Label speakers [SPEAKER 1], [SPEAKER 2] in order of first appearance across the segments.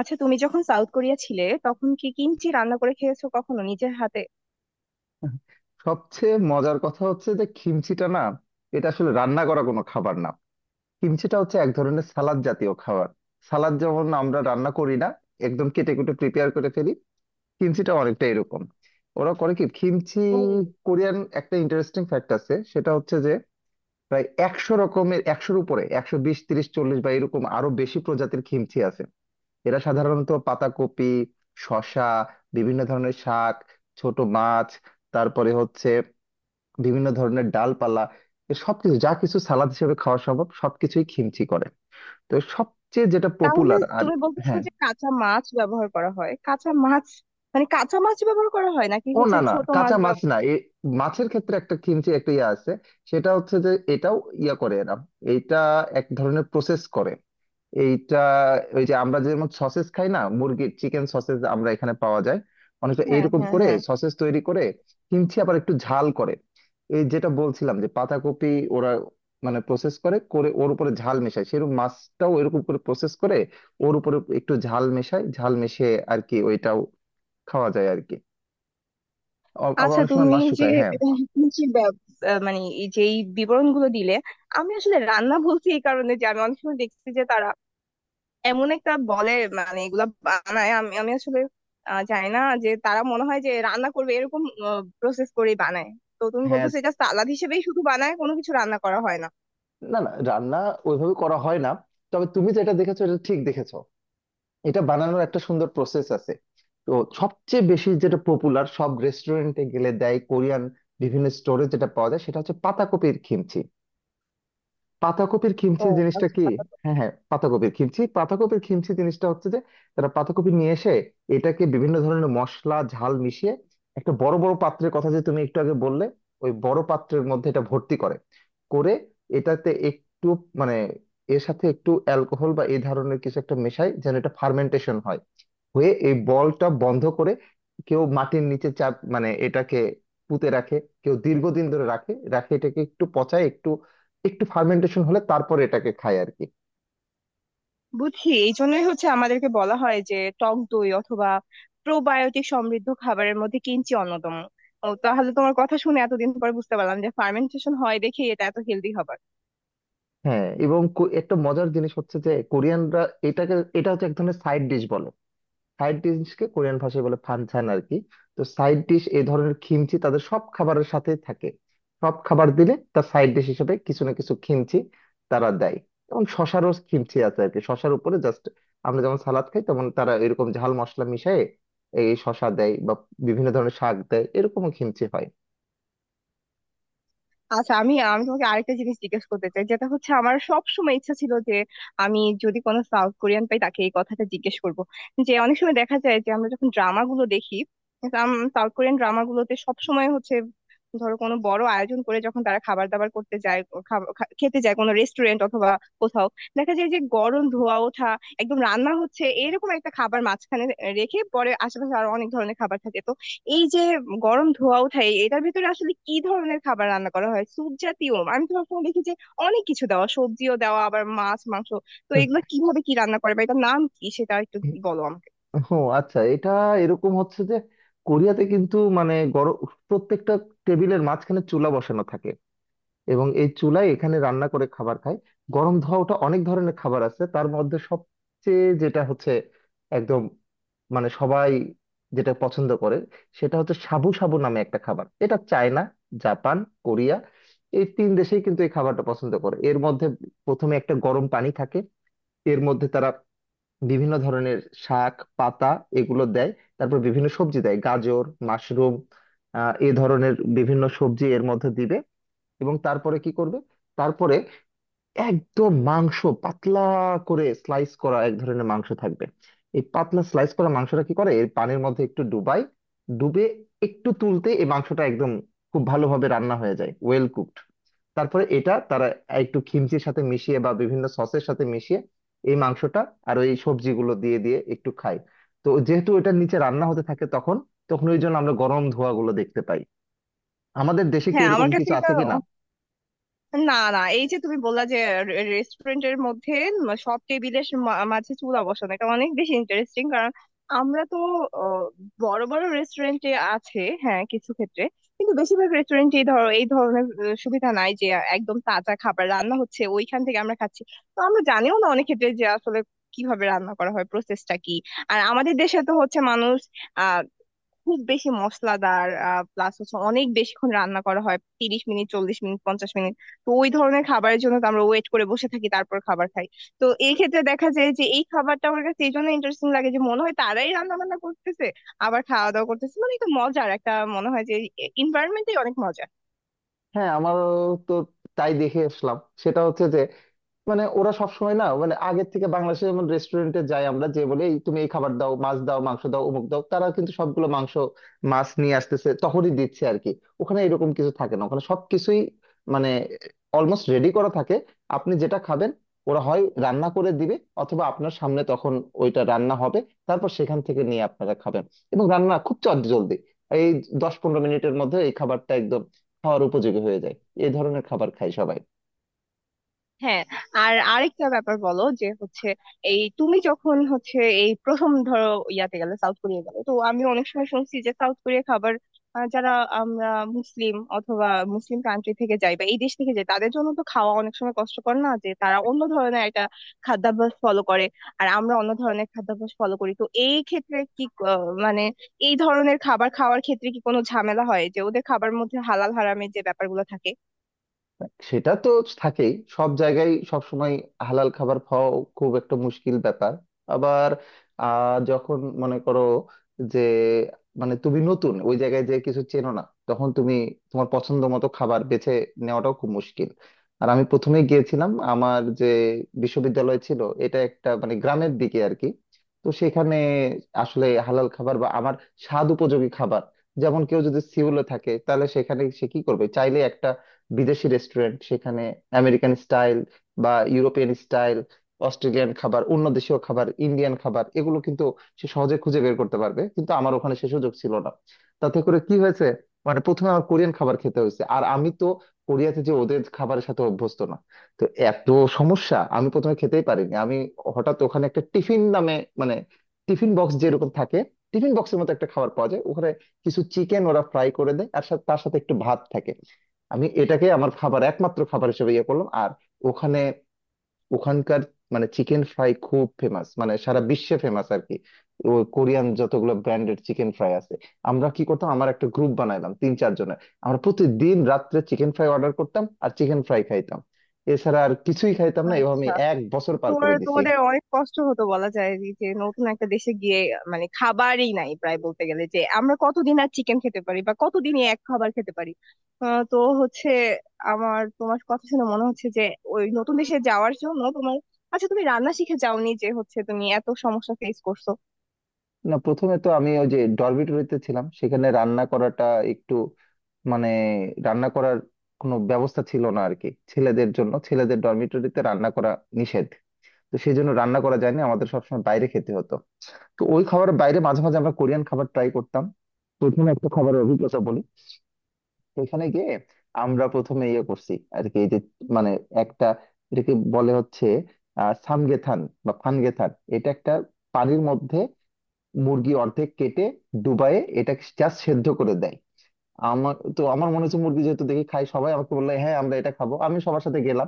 [SPEAKER 1] আচ্ছা, তুমি যখন সাউথ কোরিয়া ছিলে তখন কি কিমচি রান্না করে খেয়েছো কখনো নিজের হাতে?
[SPEAKER 2] সবচেয়ে মজার কথা হচ্ছে যে খিমচিটা না, এটা আসলে রান্না করা কোনো খাবার না। খিমচিটা হচ্ছে এক ধরনের সালাদ জাতীয় খাবার। সালাদ যেমন আমরা রান্না করি না, একদম কেটে কুটে প্রিপেয়ার করে ফেলি, খিমচিটা অনেকটা এরকম। ওরা করে কি খিমচি, কোরিয়ান একটা ইন্টারেস্টিং ফ্যাক্ট আছে, সেটা হচ্ছে যে প্রায় 100 রকমের, 100-এর উপরে, 120, 130, 140 বা এরকম আরো বেশি প্রজাতির খিমচি আছে। এরা সাধারণত পাতাকপি, শসা, বিভিন্ন ধরনের শাক, ছোট মাছ, তারপরে হচ্ছে বিভিন্ন ধরনের ডালপালা, এ সবকিছু, যা কিছু সালাদ হিসেবে খাওয়া সম্ভব সবকিছুই খিমচি করে। তো সবচেয়ে যেটা
[SPEAKER 1] তাহলে
[SPEAKER 2] পপুলার আর
[SPEAKER 1] তুমি বলতেছো
[SPEAKER 2] হ্যাঁ,
[SPEAKER 1] যে কাঁচা মাছ ব্যবহার করা হয় কাঁচা মাছ? মানে কাঁচা মাছ ব্যবহার করা হয় নাকি হচ্ছে
[SPEAKER 2] না না,
[SPEAKER 1] ছোট মাছ
[SPEAKER 2] কাঁচা মাছ না, এ মাছের ক্ষেত্রে একটা কিমচি, একটা ইয়ে আছে। সেটা হচ্ছে যে এটাও ইয়া করে এরা, এইটা এক ধরনের প্রসেস করে। এইটা ওই যে আমরা যেমন সসেস খাই না, মুরগির চিকেন সসেস আমরা এখানে পাওয়া যায়, অনেকটা
[SPEAKER 1] হ্যাঁ,
[SPEAKER 2] এইরকম
[SPEAKER 1] হ্যাঁ,
[SPEAKER 2] করে
[SPEAKER 1] হ্যাঁ।
[SPEAKER 2] সসেস তৈরি করে। কিমচি আবার একটু ঝাল করে, এই যেটা বলছিলাম যে পাতাকপি, ওরা প্রসেস করে করে ওর উপরে ঝাল মেশায়, সেরকম মাছটাও এরকম করে প্রসেস করে ওর উপরে একটু ঝাল মেশায়, ঝাল মিশিয়ে আর কি, ওইটাও খাওয়া যায় আর কি। আবার
[SPEAKER 1] আচ্ছা,
[SPEAKER 2] অনেক সময় মাছ শুকায়। হ্যাঁ,
[SPEAKER 1] তুমি যে ব্যব- মানে এই যে এই বিবরণগুলো দিলে, আমি আসলে রান্না বলছি এই কারণে যে আমি অনেক সময় দেখছি যে তারা এমন একটা বলে, মানে এগুলা বানায়। আমি আমি আসলে জানি না, যে তারা মনে হয় যে রান্না করবে এরকম, প্রসেস করেই বানায়। তো তুমি
[SPEAKER 2] হ্যাঁ,
[SPEAKER 1] বলতেছো এটা সালাদ হিসেবেই শুধু বানায়, কোনো কিছু রান্না করা হয় না?
[SPEAKER 2] না না, রান্না ওইভাবে করা হয় না। তবে তুমি যেটা দেখেছো এটা ঠিক দেখেছো, এটা বানানোর একটা সুন্দর প্রসেস আছে। তো সবচেয়ে বেশি যেটা পপুলার, সব রেস্টুরেন্টে গেলে দেয় কোরিয়ান, বিভিন্ন স্টোরে যেটা পাওয়া যায়, সেটা হচ্ছে পাতাকপির কিমচি। পাতাকপির খিমচি
[SPEAKER 1] ও
[SPEAKER 2] জিনিসটা কি?
[SPEAKER 1] আচ্ছা।
[SPEAKER 2] হ্যাঁ হ্যাঁ, পাতাকপির খিমচি, পাতাকপির খিমচি জিনিসটা হচ্ছে যে তারা পাতাকপি নিয়ে এসে এটাকে বিভিন্ন ধরনের মশলা, ঝাল মিশিয়ে, একটা বড় বড় পাত্রের কথা যে তুমি একটু আগে বললে, ওই বড় পাত্রের মধ্যে এটা ভর্তি করে করে, এটাতে একটু মানে এর সাথে একটু অ্যালকোহল বা এই ধরনের কিছু একটা মেশায় যেন এটা ফার্মেন্টেশন হয়, হয়ে এই বলটা বন্ধ করে কেউ মাটির নিচে চাপ, মানে এটাকে পুঁতে রাখে, কেউ দীর্ঘদিন ধরে রাখে রাখে এটাকে, একটু পচায়, একটু একটু ফার্মেন্টেশন হলে তারপরে এটাকে খায় আর কি।
[SPEAKER 1] বুঝছি, এই জন্যই হচ্ছে আমাদেরকে বলা হয় যে টক দই অথবা প্রোবায়োটিক সমৃদ্ধ খাবারের মধ্যে কিঞ্চি অন্যতম। ও তাহলে তোমার কথা শুনে এতদিন পর বুঝতে পারলাম যে ফার্মেন্টেশন হয় দেখে এটা এত হেলদি হবে।
[SPEAKER 2] হ্যাঁ, এবং একটা মজার জিনিস হচ্ছে যে কোরিয়ানরা এটাকে, এটা হচ্ছে এক ধরনের সাইড ডিশ বলে। সাইড ডিশকে কোরিয়ান ভাষায় বলে ফানচান আর কি। তো সাইড ডিশ, এই ধরনের খিমচি তাদের সব খাবারের সাথে থাকে। সব খাবার দিলে তার সাইড ডিশ হিসেবে কিছু না কিছু খিমচি তারা দেয়। এবং শশারও খিমচি আছে আর কি, শশার উপরে জাস্ট আমরা যেমন সালাদ খাই তেমন তারা এরকম ঝাল মশলা মিশিয়ে এই শশা দেয় বা বিভিন্ন ধরনের শাক দেয়, এরকমও খিমচি হয়।
[SPEAKER 1] আচ্ছা, আমি আমি তোমাকে আরেকটা জিনিস জিজ্ঞেস করতে চাই, যেটা হচ্ছে আমার সব সময় ইচ্ছা ছিল যে আমি যদি কোনো সাউথ কোরিয়ান পাই তাকে এই কথাটা জিজ্ঞেস করব, যে অনেক সময় দেখা যায় যে আমরা যখন ড্রামা গুলো দেখি, সাউথ কোরিয়ান ড্রামা গুলোতে সব সময় হচ্ছে ধরো কোনো বড় আয়োজন করে যখন তারা খাবার দাবার করতে যায়, ও খেতে যায় কোনো রেস্টুরেন্ট অথবা কোথাও, দেখা যায় যে গরম ধোয়া ওঠা একদম রান্না হচ্ছে এরকম একটা খাবার মাঝখানে রেখে পরে আশেপাশে আরো অনেক ধরনের খাবার থাকে। তো এই যে গরম ধোঁয়া ওঠায় এটার ভেতরে আসলে কি ধরনের খাবার রান্না করা হয়, স্যুপ জাতীয়? আমি তো সবসময় দেখি যে অনেক কিছু দেওয়া, সবজিও দেওয়া, আবার মাছ মাংস। তো
[SPEAKER 2] হুম।
[SPEAKER 1] এগুলো কিভাবে কি রান্না করে বা এটার নাম কি, সেটা একটু বলো আমাকে।
[SPEAKER 2] ও আচ্ছা, এটা এরকম হচ্ছে যে কোরিয়াতে কিন্তু গরম প্রত্যেকটা টেবিলের মাঝখানে চুলা বসানো থাকে এবং এই চুলায় এখানে রান্না করে খাবার খায়। গরম ধোয়া ওঠা অনেক ধরনের খাবার আছে, তার মধ্যে সবচেয়ে যেটা হচ্ছে একদম সবাই যেটা পছন্দ করে, সেটা হচ্ছে সাবু সাবু নামে একটা খাবার। এটা চায়না, জাপান, কোরিয়া, এই তিন দেশেই কিন্তু এই খাবারটা পছন্দ করে। এর মধ্যে প্রথমে একটা গরম পানি থাকে, এর মধ্যে তারা বিভিন্ন ধরনের শাক পাতা এগুলো দেয়। তারপর বিভিন্ন সবজি দেয়, গাজর, মাশরুম, এ ধরনের বিভিন্ন সবজি এর মধ্যে দিবে। এবং তারপরে কি করবে, তারপরে একদম মাংস, পাতলা করে স্লাইস করা এক ধরনের মাংস থাকবে। এই পাতলা স্লাইস করা মাংসটা কি করে, এর পানির মধ্যে একটু ডুবাই, ডুবে একটু তুলতে এই মাংসটা একদম খুব ভালোভাবে রান্না হয়ে যায়, ওয়েল কুকড। তারপরে এটা তারা একটু খিমচির সাথে মিশিয়ে বা বিভিন্ন সসের সাথে মিশিয়ে এই মাংসটা আর ওই সবজিগুলো দিয়ে দিয়ে একটু খাই। তো যেহেতু এটার নিচে রান্না হতে থাকে তখন, ওই জন্য আমরা গরম ধোঁয়া গুলো দেখতে পাই। আমাদের দেশে কি
[SPEAKER 1] হ্যাঁ
[SPEAKER 2] এরকম
[SPEAKER 1] আমার কাছে
[SPEAKER 2] কিছু
[SPEAKER 1] এটা,
[SPEAKER 2] আছে কিনা?
[SPEAKER 1] না না, এই যে তুমি বললা যে রেস্টুরেন্টের মধ্যে সব টেবিলের মাঝে চুলা বসানো, এটা অনেক বেশি ইন্টারেস্টিং, কারণ আমরা তো আহ, বড় বড় রেস্টুরেন্টে আছে হ্যাঁ কিছু ক্ষেত্রে, কিন্তু বেশিরভাগ রেস্টুরেন্টে ধরো এই ধরনের সুবিধা নাই যে একদম তাজা খাবার রান্না হচ্ছে ওইখান থেকে আমরা খাচ্ছি। তো আমরা জানিও না অনেক ক্ষেত্রে যে আসলে কিভাবে রান্না করা হয়, প্রসেসটা কি। আর আমাদের দেশে তো হচ্ছে মানুষ খুব বেশি মশলাদার, প্লাস হচ্ছে অনেক বেশিক্ষণ রান্না করা হয়, 30 মিনিট, 40 মিনিট, 50 মিনিট। তো ওই ধরনের খাবারের জন্য তো আমরা ওয়েট করে বসে থাকি, তারপর খাবার খাই। তো এই ক্ষেত্রে দেখা যায় যে এই খাবারটা আমার কাছে এই জন্য ইন্টারেস্টিং লাগে যে মনে হয় তারাই রান্না বান্না করতেছে, আবার খাওয়া দাওয়া করতেছে, মানে একটা মজার একটা মনে হয় যে এনভায়রনমেন্টই অনেক মজা।
[SPEAKER 2] হ্যাঁ, আমারও তো তাই দেখে আসলাম। সেটা হচ্ছে যে ওরা সবসময় না, মানে আগের থেকে বাংলাদেশে যেমন রেস্টুরেন্টে যাই আমরা, যে বলে "এই তুমি এই খাবার দাও, মাছ দাও, মাংস দাও, অমুক দাও", তারা কিন্তু সবগুলো মাংস মাছ নিয়ে আসতেছে, তখনই দিচ্ছে আর কি। ওখানে এরকম কিছু থাকে না, ওখানে সবকিছুই মানে অলমোস্ট রেডি করা থাকে। আপনি যেটা খাবেন ওরা হয় রান্না করে দিবে, অথবা আপনার সামনে তখন ওইটা রান্না হবে, তারপর সেখান থেকে নিয়ে আপনারা খাবেন। এবং রান্না খুব চটজলদি, এই 10-15 মিনিটের মধ্যে এই খাবারটা একদম খাওয়ার উপযোগী হয়ে যায়। এই ধরনের খাবার খায় সবাই।
[SPEAKER 1] হ্যাঁ। আর আরেকটা ব্যাপার বলো, যে হচ্ছে এই তুমি যখন হচ্ছে এই প্রথম ধরো ইয়াতে গেলে, সাউথ কোরিয়া গেলে, তো আমি অনেক সময় শুনছি যে সাউথ কোরিয়া খাবার, যারা আমরা মুসলিম অথবা মুসলিম কান্ট্রি থেকে যাই বা এই দেশ থেকে যাই তাদের জন্য তো খাওয়া অনেক সময় কষ্টকর না, যে তারা অন্য ধরনের একটা খাদ্যাভ্যাস ফলো করে আর আমরা অন্য ধরনের খাদ্যাভ্যাস ফলো করি। তো এই ক্ষেত্রে কি মানে এই ধরনের খাবার খাওয়ার ক্ষেত্রে কি কোনো ঝামেলা হয় যে ওদের খাবার মধ্যে হালাল হারামের যে ব্যাপারগুলো
[SPEAKER 2] সেটা তো থাকেই সব জায়গায় সব সময়, হালাল খাবার খাওয়া খুব একটা মুশকিল ব্যাপার। আবার যখন মনে করো যে তুমি নতুন ওই জায়গায় যে কিছু চেনো না, তখন তুমি তোমার পছন্দ মতো খাবার বেছে নেওয়াটাও খুব মুশকিল। আর আমি প্রথমে গিয়েছিলাম, আমার যে বিশ্ববিদ্যালয় ছিল এটা একটা গ্রামের দিকে আর কি। তো সেখানে আসলে হালাল খাবার বা আমার স্বাদ উপযোগী খাবার, যেমন কেউ যদি সিউলে থাকে তাহলে সেখানে সে কি করবে, চাইলে বিদেশি রেস্টুরেন্ট সেখানে, আমেরিকান স্টাইল বা ইউরোপিয়ান স্টাইল, অস্ট্রেলিয়ান খাবার, অন্য দেশীয় খাবার, ইন্ডিয়ান খাবার, এগুলো কিন্তু সে সহজে খুঁজে বের করতে পারবে, কিন্তু আমার ওখানে সে সুযোগ ছিল না। তাতে করে কি হয়েছে, প্রথমে আমার কোরিয়ান খাবার খেতে হয়েছে, আর আমি তো কোরিয়াতে যে ওদের খাবারের সাথে অভ্যস্ত না। তো এত সমস্যা, আমি প্রথমে খেতেই পারিনি। হঠাৎ ওখানে একটা টিফিন নামে, মানে টিফিন বক্স যেরকম থাকে, টিফিন বক্সের মতো একটা খাবার পাওয়া যায় ওখানে, কিছু চিকেন ওরা ফ্রাই করে দেয় আর তার সাথে একটু ভাত থাকে। আমি এটাকে আমার খাবার, একমাত্র খাবার হিসেবে ইয়ে করলাম। আর ওখানে, ওখানকার চিকেন ফ্রাই খুব ফেমাস, মানে সারা বিশ্বে ফেমাস আর কি। ওই কোরিয়ান যতগুলো ব্র্যান্ডেড চিকেন ফ্রাই আছে, আমরা কি করতাম, আমার একটা গ্রুপ বানাইলাম 3-4 জনের, আমরা প্রতিদিন রাত্রে চিকেন ফ্রাই অর্ডার করতাম আর চিকেন ফ্রাই খাইতাম। এছাড়া আর কিছুই খাইতাম না, এভাবে আমি
[SPEAKER 1] থাকে?
[SPEAKER 2] এক বছর পার
[SPEAKER 1] তোমার
[SPEAKER 2] করে দিছি।
[SPEAKER 1] তোমাদের অনেক কষ্ট হতো বলা যায়, যে যে নতুন একটা দেশে গিয়ে মানে খাবারই নাই প্রায় বলতে গেলে, যে আমরা কতদিন আর চিকেন খেতে পারি বা কতদিনই এক খাবার খেতে পারি। তো হচ্ছে আমার তোমার কথা শুনে মনে হচ্ছে যে ওই নতুন দেশে যাওয়ার জন্য তোমার, আচ্ছা তুমি রান্না শিখে যাওনি, যে হচ্ছে তুমি এত সমস্যা ফেস করছো?
[SPEAKER 2] না প্রথমে তো আমি ওই যে ডরমিটরিতে ছিলাম, সেখানে রান্না করাটা একটু মানে রান্না করার কোনো ব্যবস্থা ছিল না আর কি ছেলেদের জন্য, ছেলেদের ডরমিটরিতে রান্না করা নিষেধ। তো সেই জন্য রান্না করা যায়নি, আমাদের সবসময় বাইরে খেতে হতো। তো ওই খাবার বাইরে মাঝে মাঝে আমরা কোরিয়ান খাবার ট্রাই করতাম। প্রথমে একটা খাবারের অভিজ্ঞতা বলি, এখানে গিয়ে আমরা প্রথমে ইয়ে করছি আর কি, এই যে মানে একটা, এটাকে বলে হচ্ছে সামগেথান বা ফানগেথান। এটা একটা পানির মধ্যে মুরগি অর্ধেক কেটে ডুবায়ে এটাকে জাস্ট সেদ্ধ করে দেয়। আমার তো মনে হচ্ছে মুরগি যেহেতু দেখি, খাই সবাই আমাকে বললো হ্যাঁ আমরা এটা খাবো, আমি সবার সাথে গেলাম।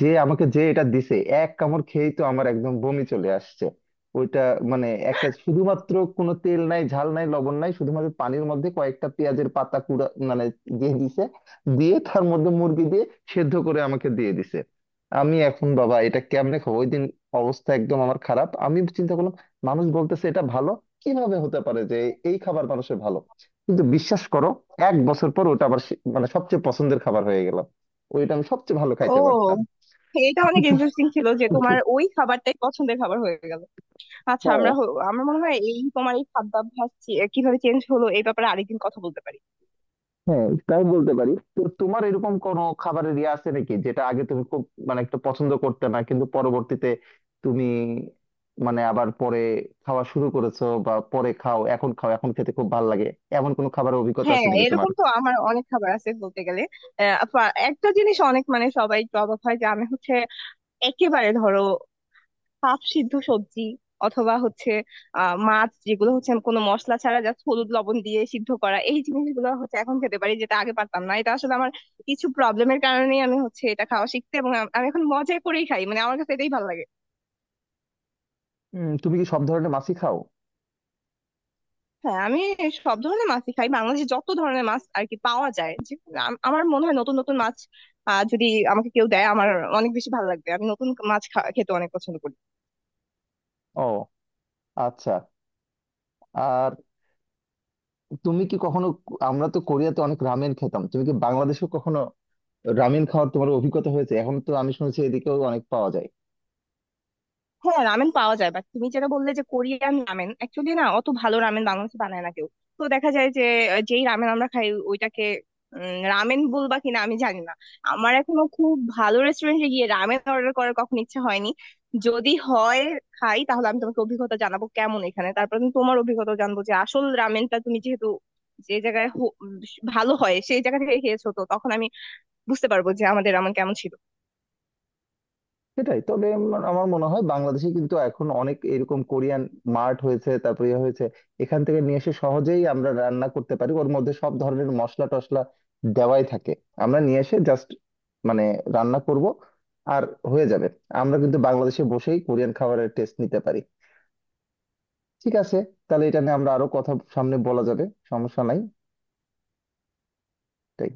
[SPEAKER 2] যে আমাকে যে এটা দিছে, এক কামড় খেয়েই তো আমার একদম বমি চলে আসছে। ওইটা একটা শুধুমাত্র, কোনো তেল নাই, ঝাল নাই, লবণ নাই, শুধুমাত্র পানির মধ্যে কয়েকটা পেঁয়াজের পাতা কুড়া, মানে দিয়ে দিছে, দিয়ে তার মধ্যে মুরগি দিয়ে সেদ্ধ করে আমাকে দিয়ে দিছে। আমি এখন, বাবা এটা কেমনে খাবো? ওই দিন অবস্থা একদম আমার খারাপ। আমি চিন্তা করলাম মানুষ বলতেছে এটা ভালো, কিভাবে হতে পারে যে এই খাবার মানুষের ভালো? কিন্তু বিশ্বাস করো, এক বছর পর ওটা আবার মানে সবচেয়ে পছন্দের খাবার হয়ে গেল। ওইটা আমি সবচেয়ে ভালো খাইতে
[SPEAKER 1] ও,
[SPEAKER 2] পারতাম।
[SPEAKER 1] এটা অনেক ইন্টারেস্টিং ছিল যে
[SPEAKER 2] হ্যাঁ,
[SPEAKER 1] তোমার ওই খাবারটাই পছন্দের খাবার হয়ে গেল। আচ্ছা আমরা আমার মনে হয় এই তোমার এই খাদ্যাভ্যাস কিভাবে চেঞ্জ হলো এই ব্যাপারে আরেকদিন কথা বলতে পারি।
[SPEAKER 2] হ্যাঁ তাই বলতে পারি। তো তোমার এরকম কোনো খাবারের ইয়ে আছে নাকি, যেটা আগে তুমি খুব একটু পছন্দ করতে না, কিন্তু পরবর্তীতে তুমি আবার পরে খাওয়া শুরু করেছো, বা পরে খাও, এখন খাও, এখন খেতে খুব ভালো লাগে, এমন কোনো খাবারের অভিজ্ঞতা
[SPEAKER 1] হ্যাঁ
[SPEAKER 2] আছে নাকি তোমার?
[SPEAKER 1] এরকম তো আমার অনেক খাবার আছে বলতে গেলে। একটা জিনিস অনেক, মানে সবাই একটু অবাক হয় যে আমি হচ্ছে একেবারে ধরো পাপ সিদ্ধ সবজি অথবা হচ্ছে মাছ, যেগুলো হচ্ছে আমি কোনো মশলা ছাড়া জাস্ট হলুদ লবণ দিয়ে সিদ্ধ করা, এই জিনিসগুলো হচ্ছে এখন খেতে পারি যেটা আগে পারতাম না। এটা আসলে আমার কিছু প্রবলেমের কারণেই আমি হচ্ছে এটা খাওয়া শিখতে, এবং আমি এখন মজা করেই খাই, মানে আমার কাছে এটাই ভালো লাগে।
[SPEAKER 2] তুমি কি সব ধরনের মাছই খাও?
[SPEAKER 1] হ্যাঁ, আমি সব ধরনের মাছই খাই। বাংলাদেশে যত ধরনের মাছ আর কি পাওয়া যায়, যে আমার মনে হয় নতুন নতুন মাছ যদি আমাকে কেউ দেয় আমার অনেক বেশি ভালো লাগবে। আমি নতুন মাছ খেতে অনেক পছন্দ করি।
[SPEAKER 2] ও আচ্ছা। আর তুমি কি কখনো, আমরা তো কোরিয়াতে অনেক রামেন খেতাম, তুমি কি বাংলাদেশে কখনো রামেন খাওয়ার তোমার অভিজ্ঞতা হয়েছে? এখন তো আমি শুনছি এদিকেও অনেক পাওয়া যায়।
[SPEAKER 1] হ্যাঁ রামেন পাওয়া যায়, বাট তুমি যেটা বললে যে কোরিয়ান রামেন, অ্যাকচুয়ালি না, অত ভালো রামেন বাংলাদেশে বানায় না কেউ। তো দেখা যায় যে যেই রামেন আমরা খাই ওইটাকে রামেন বলবা কিনা আমি জানি না। আমার এখনো খুব ভালো রেস্টুরেন্টে গিয়ে রামেন অর্ডার করার কখনো ইচ্ছা হয়নি। যদি হয় খাই, তাহলে আমি তোমাকে অভিজ্ঞতা জানাবো কেমন এখানে, তারপর আমি তোমার অভিজ্ঞতা জানবো যে আসল রামেনটা, তুমি যেহেতু যে জায়গায় ভালো হয় সেই জায়গা থেকে খেয়েছো, তো তখন আমি বুঝতে পারবো যে আমাদের রামেন কেমন ছিল।
[SPEAKER 2] সেটাই, তবে আমার আমার মনে হয় বাংলাদেশে কিন্তু এখন অনেক এরকম কোরিয়ান মার্ট হয়েছে, তারপরে ইয়ে হয়েছে, এখান থেকে নিয়ে এসে সহজেই আমরা রান্না করতে পারি, ওর মধ্যে সব ধরনের মশলা টশলা দেওয়াই থাকে। আমরা নিয়ে এসে জাস্ট মানে রান্না করব আর হয়ে যাবে। আমরা কিন্তু বাংলাদেশে বসেই কোরিয়ান খাবারের টেস্ট নিতে পারি। ঠিক আছে, তাহলে এটা নিয়ে আমরা আরো কথা সামনে বলা যাবে, সমস্যা নাই। তাই।